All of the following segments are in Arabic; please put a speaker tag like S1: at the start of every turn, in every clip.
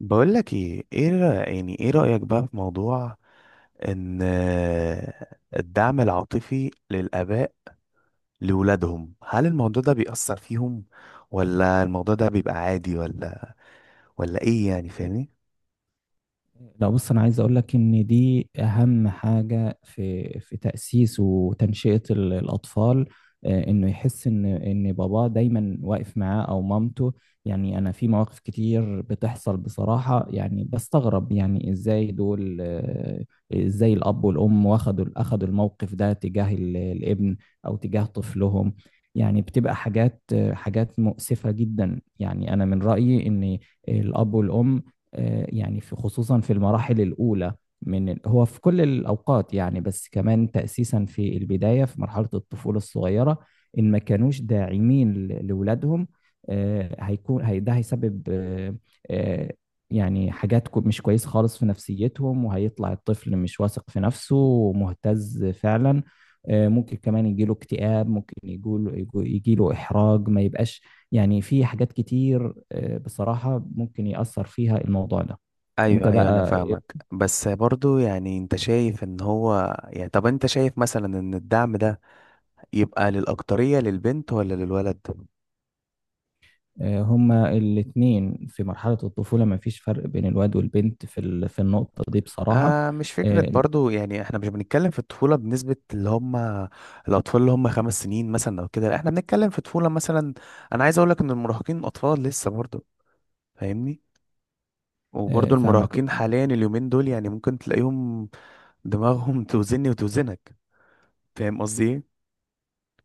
S1: بقول لك ايه ايه رأ- يعني ايه رأيك بقى في موضوع ان، الدعم العاطفي للآباء لولادهم. هل الموضوع ده بيأثر فيهم، ولا الموضوع ده بيبقى عادي، ولا ايه؟ يعني فاهمني؟
S2: لا بص، انا عايز اقول لك ان دي اهم حاجه في تاسيس وتنشئه الاطفال. انه يحس ان باباه دايما واقف معاه او مامته. يعني انا في مواقف كتير بتحصل بصراحه، يعني بستغرب يعني ازاي دول، ازاي الاب والام اخدوا الموقف ده تجاه الابن او تجاه طفلهم. يعني بتبقى حاجات، حاجات مؤسفه جدا. يعني انا من رايي ان الاب والام، يعني في خصوصا في المراحل الأولى من هو في كل الأوقات، يعني بس كمان تأسيسا في البداية في مرحلة الطفولة الصغيرة، إن ما كانوش داعمين لولادهم، هيكون هي ده هيسبب آه، يعني حاجات مش كويسة خالص في نفسيتهم، وهيطلع الطفل مش واثق في نفسه ومهتز فعلا. ممكن كمان يجيله اكتئاب، ممكن يجيله إحراج، ما يبقاش يعني. في حاجات كتير بصراحة ممكن يأثر فيها الموضوع ده. انت
S1: ايوه ايوه، انا
S2: بقى.
S1: فاهمك. بس برضو يعني انت شايف ان هو، يعني طب انت شايف مثلا ان الدعم ده يبقى للأكترية للبنت ولا للولد؟
S2: هما الاتنين في مرحلة الطفولة، ما فيش فرق بين الواد والبنت في في النقطة دي بصراحة.
S1: آه، مش فكرة
S2: آه،
S1: برضو. يعني احنا مش بنتكلم في الطفولة بنسبة اللي هم الأطفال اللي هم 5 سنين مثلا أو كده. لا احنا بنتكلم في طفولة مثلا. أنا عايز أقولك إن المراهقين أطفال لسه برضو، فاهمني؟ وبرضو
S2: فاهمك.
S1: المراهقين حاليا اليومين دول يعني ممكن تلاقيهم دماغهم توزني وتوزنك. فاهم قصدي إيه؟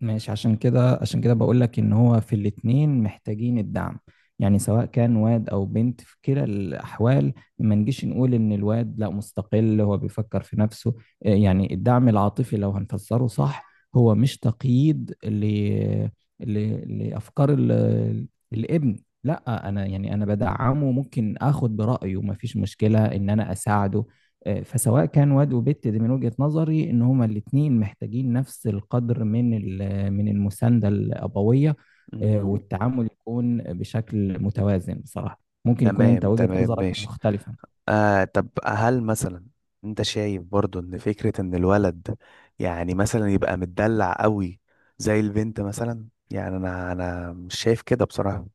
S2: ماشي، عشان كده بقول لك ان هو في الاتنين محتاجين الدعم. يعني سواء كان واد او بنت، في كلا الاحوال ما نجيش نقول ان الواد لا مستقل هو بيفكر في نفسه. يعني الدعم العاطفي لو هنفسره صح، هو مش تقييد ل... لافكار الابن. لا انا يعني انا بدعمه، ممكن اخد برايه، ما فيش مشكلة ان انا اساعده. فسواء كان واد وبت، دي من وجهة نظري ان هما الاتنين محتاجين نفس القدر من من المسانده الابويه.
S1: مم.
S2: والتعامل يكون بشكل متوازن بصراحه. ممكن يكون انت
S1: تمام
S2: وجهه
S1: تمام،
S2: نظرك
S1: ماشي.
S2: مختلفه.
S1: آه، طب هل مثلا انت شايف برضو ان فكرة ان الولد يعني مثلا يبقى متدلع قوي زي البنت مثلا؟ يعني انا مش شايف كده بصراحة.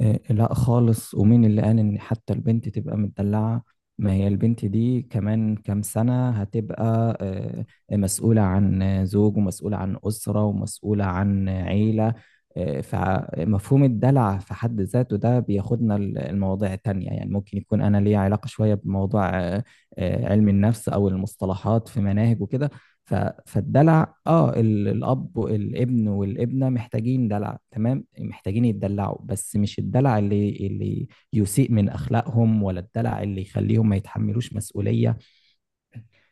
S2: لا خالص، ومين اللي قال ان حتى البنت تبقى متدلعة؟ ما هي البنت دي كمان كام سنة هتبقى مسؤولة عن زوج ومسؤولة عن أسرة ومسؤولة عن عيلة. فمفهوم الدلع في حد ذاته ده بياخدنا المواضيع التانية. يعني ممكن يكون أنا ليا علاقة شوية بموضوع علم النفس أو المصطلحات في مناهج وكده. ف- فالدلع اه الاب والابن والابنه محتاجين دلع، تمام، محتاجين يتدلعوا، بس مش الدلع اللي يسيء من اخلاقهم، ولا الدلع اللي يخليهم ما يتحملوش مسؤوليه.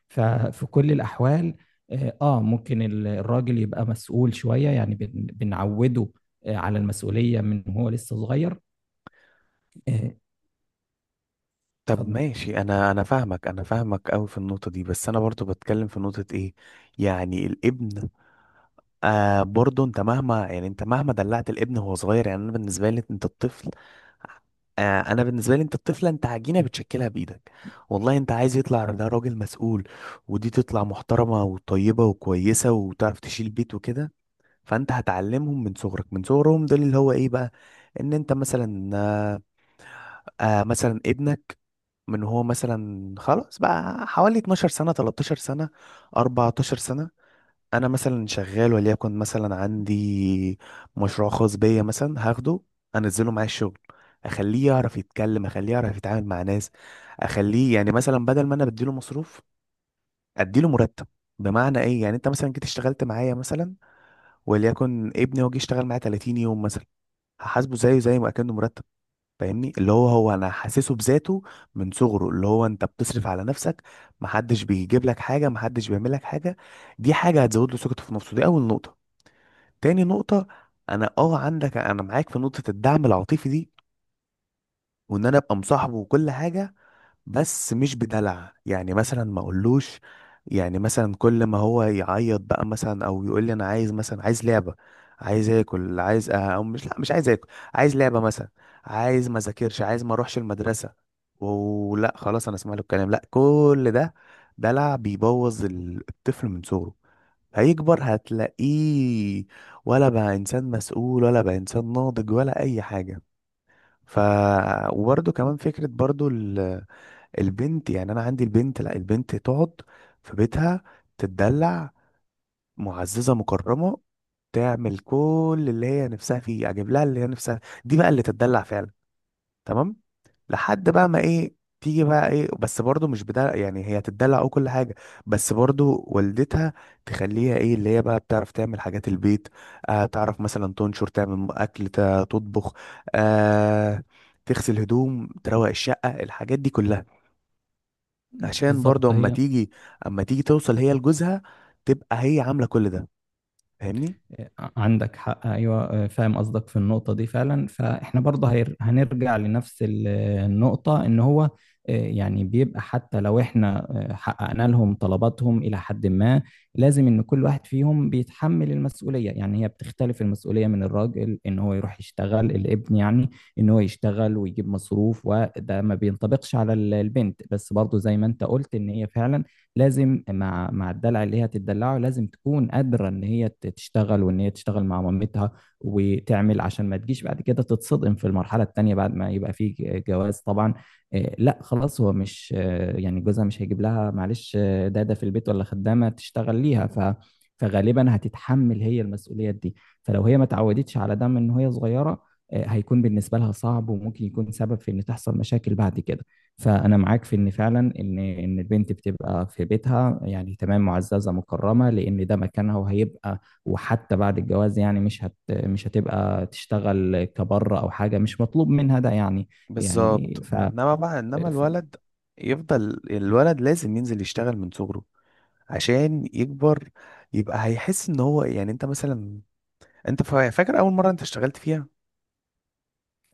S2: ففي كل الاحوال ممكن الراجل يبقى مسؤول شويه، يعني بنعوده على المسؤوليه من هو لسه صغير. آه،
S1: طب
S2: اتفضل.
S1: ماشي، انا فاهمك، انا فاهمك قوي في النقطة دي. بس انا برضو بتكلم في نقطة ايه، يعني الابن. آه، برضه انت مهما، يعني انت مهما دلعت الابن وهو صغير، يعني انا بالنسبه لي انت الطفل، آه انا بالنسبه لي انت الطفله، انت عجينه بتشكلها بايدك والله. انت عايز يطلع ده راجل مسؤول، ودي تطلع محترمه وطيبه وكويسه وتعرف تشيل بيت وكده. فانت هتعلمهم من صغرك، من صغرهم دول، اللي هو ايه بقى، ان انت مثلا مثلا ابنك من هو مثلا خلاص بقى حوالي 12 سنه، 13 سنه، 14 سنه. انا مثلا شغال، وليكن مثلا عندي مشروع خاص بيا مثلا، هاخده انزله معايا الشغل، اخليه يعرف يتكلم، اخليه يعرف يتعامل مع ناس، اخليه يعني مثلا بدل ما انا بديله مصروف، اديله مرتب. بمعنى ايه؟ يعني انت مثلا جيت اشتغلت معايا مثلا، وليكن ابني هو جه اشتغل معايا 30 يوم مثلا، هحاسبه زيه زي ما كانه مرتب. فاهمني؟ اللي هو انا حاسسه بذاته من صغره، اللي هو انت بتصرف على نفسك، محدش بيجيب لك حاجه، محدش بيعمل لك حاجه. دي حاجه هتزود له ثقته في نفسه، دي اول نقطه. تاني نقطة: أنا عندك، أنا معاك في نقطة الدعم العاطفي دي، وإن أنا أبقى مصاحبه وكل حاجة. بس مش بدلع، يعني مثلا ما أقولوش. يعني مثلا كل ما هو يعيط بقى مثلا، أو يقول لي أنا عايز مثلا، عايز لعبة، عايز آكل، عايز أو مش، لا مش عايز آكل، عايز لعبة مثلا، عايز ما أذاكرش، عايز ما أروحش المدرسة، ولا خلاص أنا أسمع له الكلام. لا، كل ده دلع بيبوظ الطفل من صغره. هيكبر هتلاقيه ولا بقى انسان مسؤول، ولا بقى انسان ناضج، ولا اي حاجه. ف وبرده كمان فكره برضو، البنت. يعني انا عندي البنت، لا البنت تقعد في بيتها، تتدلع معززه مكرمه، تعمل كل اللي هي نفسها فيه، اجيب لها اللي هي نفسها. دي بقى اللي تتدلع فعلا. تمام. لحد بقى ما ايه، تيجي بقى ايه، بس برضو مش بدلع، يعني هي تدلع او كل حاجه، بس برضو والدتها تخليها ايه، اللي هي بقى بتعرف تعمل حاجات البيت. آه، تعرف مثلا تنشر، تعمل اكل، تطبخ، آه، تغسل هدوم، تروق الشقه، الحاجات دي كلها. عشان برضو
S2: بالظبط
S1: اما
S2: هي.
S1: تيجي، اما تيجي توصل هي لجوزها تبقى هي عامله كل ده. فاهمني؟
S2: عندك حق، ايوه، فاهم قصدك في النقطه دي فعلا. فاحنا برضه هنرجع لنفس النقطه، ان هو يعني بيبقى حتى لو احنا حققنا لهم طلباتهم الى حد ما، لازم ان كل واحد فيهم بيتحمل المسؤوليه. يعني هي بتختلف المسؤوليه، من الراجل ان هو يروح يشتغل، الابن يعني ان هو يشتغل ويجيب مصروف، وده ما بينطبقش على البنت. بس برضه زي ما انت قلت، ان هي فعلا لازم مع الدلع اللي هي هتدلعه، لازم تكون قادره ان هي تشتغل، وان هي تشتغل مع مامتها وتعمل، عشان ما تجيش بعد كده تتصدم في المرحله الثانيه بعد ما يبقى في جواز طبعا. لا خلاص، هو مش يعني جوزها مش هيجيب لها معلش داده في البيت ولا خدامه تشتغل ليها. فغالبا هتتحمل هي المسؤوليات دي. فلو هي ما اتعودتش على ده من وهي صغيره، هيكون بالنسبه لها صعب، وممكن يكون سبب في ان تحصل مشاكل بعد كده. فأنا معاك في إن فعلا إن البنت بتبقى في بيتها، يعني تمام معززة مكرمة، لأن ده مكانها وهيبقى. وحتى بعد الجواز يعني مش هتبقى تشتغل كبره أو حاجة، مش مطلوب منها ده يعني. يعني
S1: بالظبط، انما بقى، انما الولد يفضل الولد لازم ينزل يشتغل من صغره، عشان يكبر يبقى هيحس ان هو، يعني انت مثلا، انت فاكر اول مره انت اشتغلت فيها؟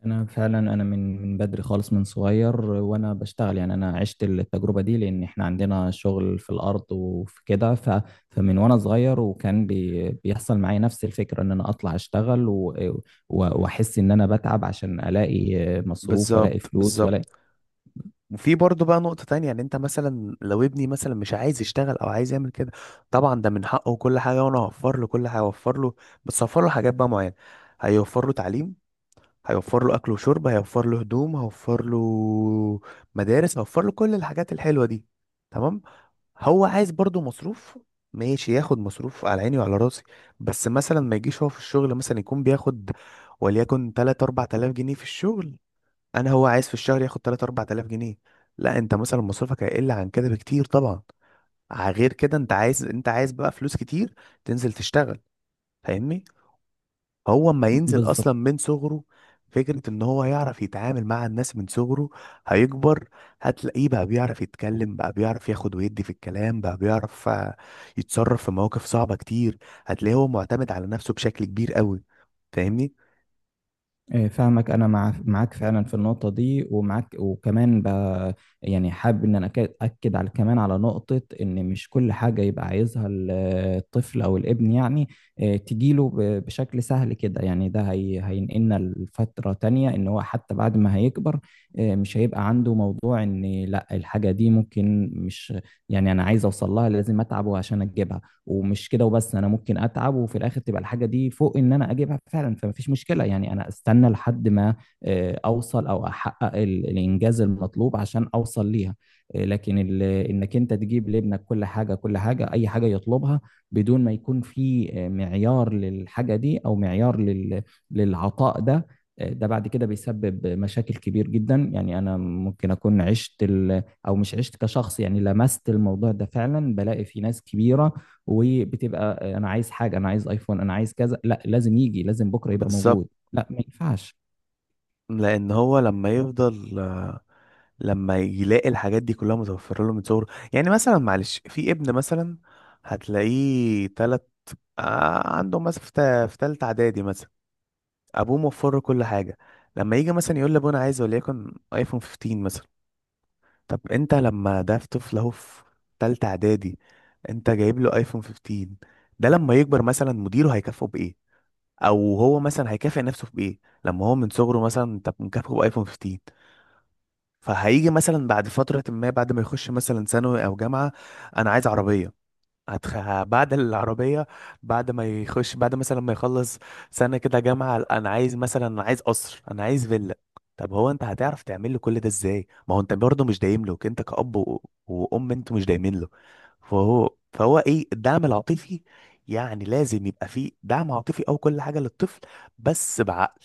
S2: انا فعلا، انا من بدري خالص من صغير وانا بشتغل. يعني انا عشت التجربه دي، لان احنا عندنا شغل في الارض وفي كده. فمن وانا صغير وكان بيحصل معايا نفس الفكره، ان انا اطلع اشتغل واحس ان انا بتعب عشان الاقي مصروف والاقي
S1: بالظبط
S2: فلوس
S1: بالظبط.
S2: والاقي.
S1: وفي برضه بقى نقطه تانية، يعني انت مثلا لو ابني مثلا مش عايز يشتغل، او عايز يعمل كده، طبعا ده من حقه وكل حاجه، وانا هوفر له كل حاجه هوفر له. بس هوفر له حاجات بقى معينه. هيوفر له تعليم، هيوفر له اكل وشرب، هيوفر له هدوم، هيوفر له مدارس، هيوفر له كل الحاجات الحلوه دي. تمام. هو عايز برضو مصروف، ماشي ياخد مصروف على عيني وعلى راسي. بس مثلا ما يجيش هو في الشغل مثلا يكون بياخد وليكن 3 4000 جنيه في الشغل، انا هو عايز في الشهر ياخد 3 4000 جنيه؟ لا، انت مثلا مصروفك هيقل عن كده بكتير طبعا. غير كده، انت عايز، انت عايز بقى فلوس كتير، تنزل تشتغل. فاهمني؟ هو اما ينزل
S2: بالظبط.
S1: اصلا من صغره، فكرة ان هو يعرف يتعامل مع الناس من صغره، هيكبر هتلاقيه بقى بيعرف يتكلم، بقى بيعرف ياخد ويدي في الكلام، بقى بيعرف يتصرف في مواقف صعبة كتير. هتلاقيه هو معتمد على نفسه بشكل كبير قوي. فاهمني؟
S2: إيه، فاهمك، انا معاك فعلا في النقطه دي ومعاك. يعني حابب ان انا اكد على كمان على نقطه، ان مش كل حاجه يبقى عايزها الطفل او الابن يعني إيه، تجيله بشكل سهل كده. يعني ده هينقلنا لفتره تانية، ان هو حتى بعد ما هيكبر إيه، مش هيبقى عنده موضوع ان لا الحاجه دي ممكن مش، يعني انا عايز اوصل لها لازم اتعب عشان اجيبها. ومش كده وبس، انا ممكن اتعب وفي الاخر تبقى الحاجه دي فوق ان انا اجيبها فعلا، فمفيش مشكله. يعني انا استنى لحد ما اوصل او احقق الانجاز المطلوب عشان اوصل ليها. لكن انك انت تجيب لابنك كل حاجه، اي حاجه يطلبها، بدون ما يكون في معيار للحاجه دي او معيار للعطاء ده، ده بعد كده بيسبب مشاكل كبير جدا. يعني انا ممكن اكون عشت ال- او مش عشت كشخص، يعني لمست الموضوع ده فعلا، بلاقي في ناس كبيره وبتبقى انا عايز حاجه، انا عايز ايفون، انا عايز كذا، لا لازم يجي لازم بكره يبقى
S1: بالظبط.
S2: موجود. لا ما ينفعش.
S1: لان هو لما يفضل، لما يلاقي الحاجات دي كلها متوفرة له من صغره. يعني مثلا معلش، في ابن مثلا هتلاقيه تلت، عنده مثلا في في تالتة اعدادي مثلا، ابوه موفر له كل حاجه. لما يجي مثلا يقول لابوه انا عايز وليكن ايفون 15 مثلا، طب انت لما ده في طفل اهو في تالتة اعدادي، انت جايب له ايفون 15، ده لما يكبر مثلا مديره هيكافئه بايه؟ او هو مثلا هيكافئ نفسه بايه لما هو من صغره مثلا انت مكافئه بايفون 15؟ فهيجي مثلا بعد فترة، ما بعد ما يخش مثلا ثانوي او جامعة: انا عايز عربية. بعد العربية، بعد ما يخش بعد مثلا ما يخلص سنة كده جامعة: أنا عايز مثلا، أنا عايز قصر، أنا عايز فيلا. طب هو أنت هتعرف تعمل له كل ده إزاي؟ ما هو أنت برضه مش دايم له، أنت كأب وأم، أنتوا مش دايمين له. فهو إيه الدعم العاطفي؟ يعني لازم يبقى فيه دعم عاطفي أو كل حاجة للطفل، بس بعقل.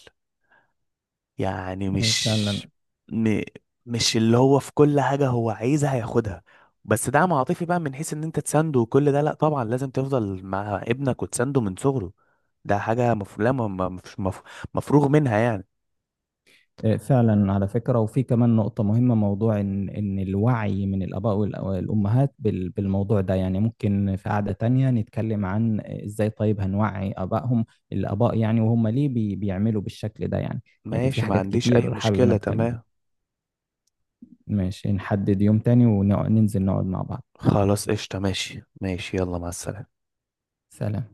S1: يعني
S2: إيه
S1: مش
S2: فعلا.
S1: م... مش اللي هو في كل حاجة هو عايزها هياخدها. بس دعم عاطفي بقى من حيث ان انت تسنده وكل ده، لا طبعا لازم تفضل مع ابنك وتسنده من صغره، ده حاجة مف... لا ما- ما- مش مف... مفروغ منها يعني.
S2: إيه فعلا، على فكرة، وفي كمان نقطة مهمة، موضوع إن الوعي من الآباء والأمهات بالموضوع ده. يعني ممكن في قعدة تانية نتكلم عن إزاي طيب هنوعي آبائهم الآباء يعني، وهم ليه بيعملوا بالشكل ده يعني. يعني في
S1: ماشي، ما
S2: حاجات
S1: عنديش اي
S2: كتير حابب
S1: مشكلة،
S2: نتكلم.
S1: تمام.
S2: ماشي، نحدد يوم تاني وننزل نقعد مع بعض.
S1: خلاص قشطة، ماشي ماشي، يلا مع السلامة.
S2: سلام.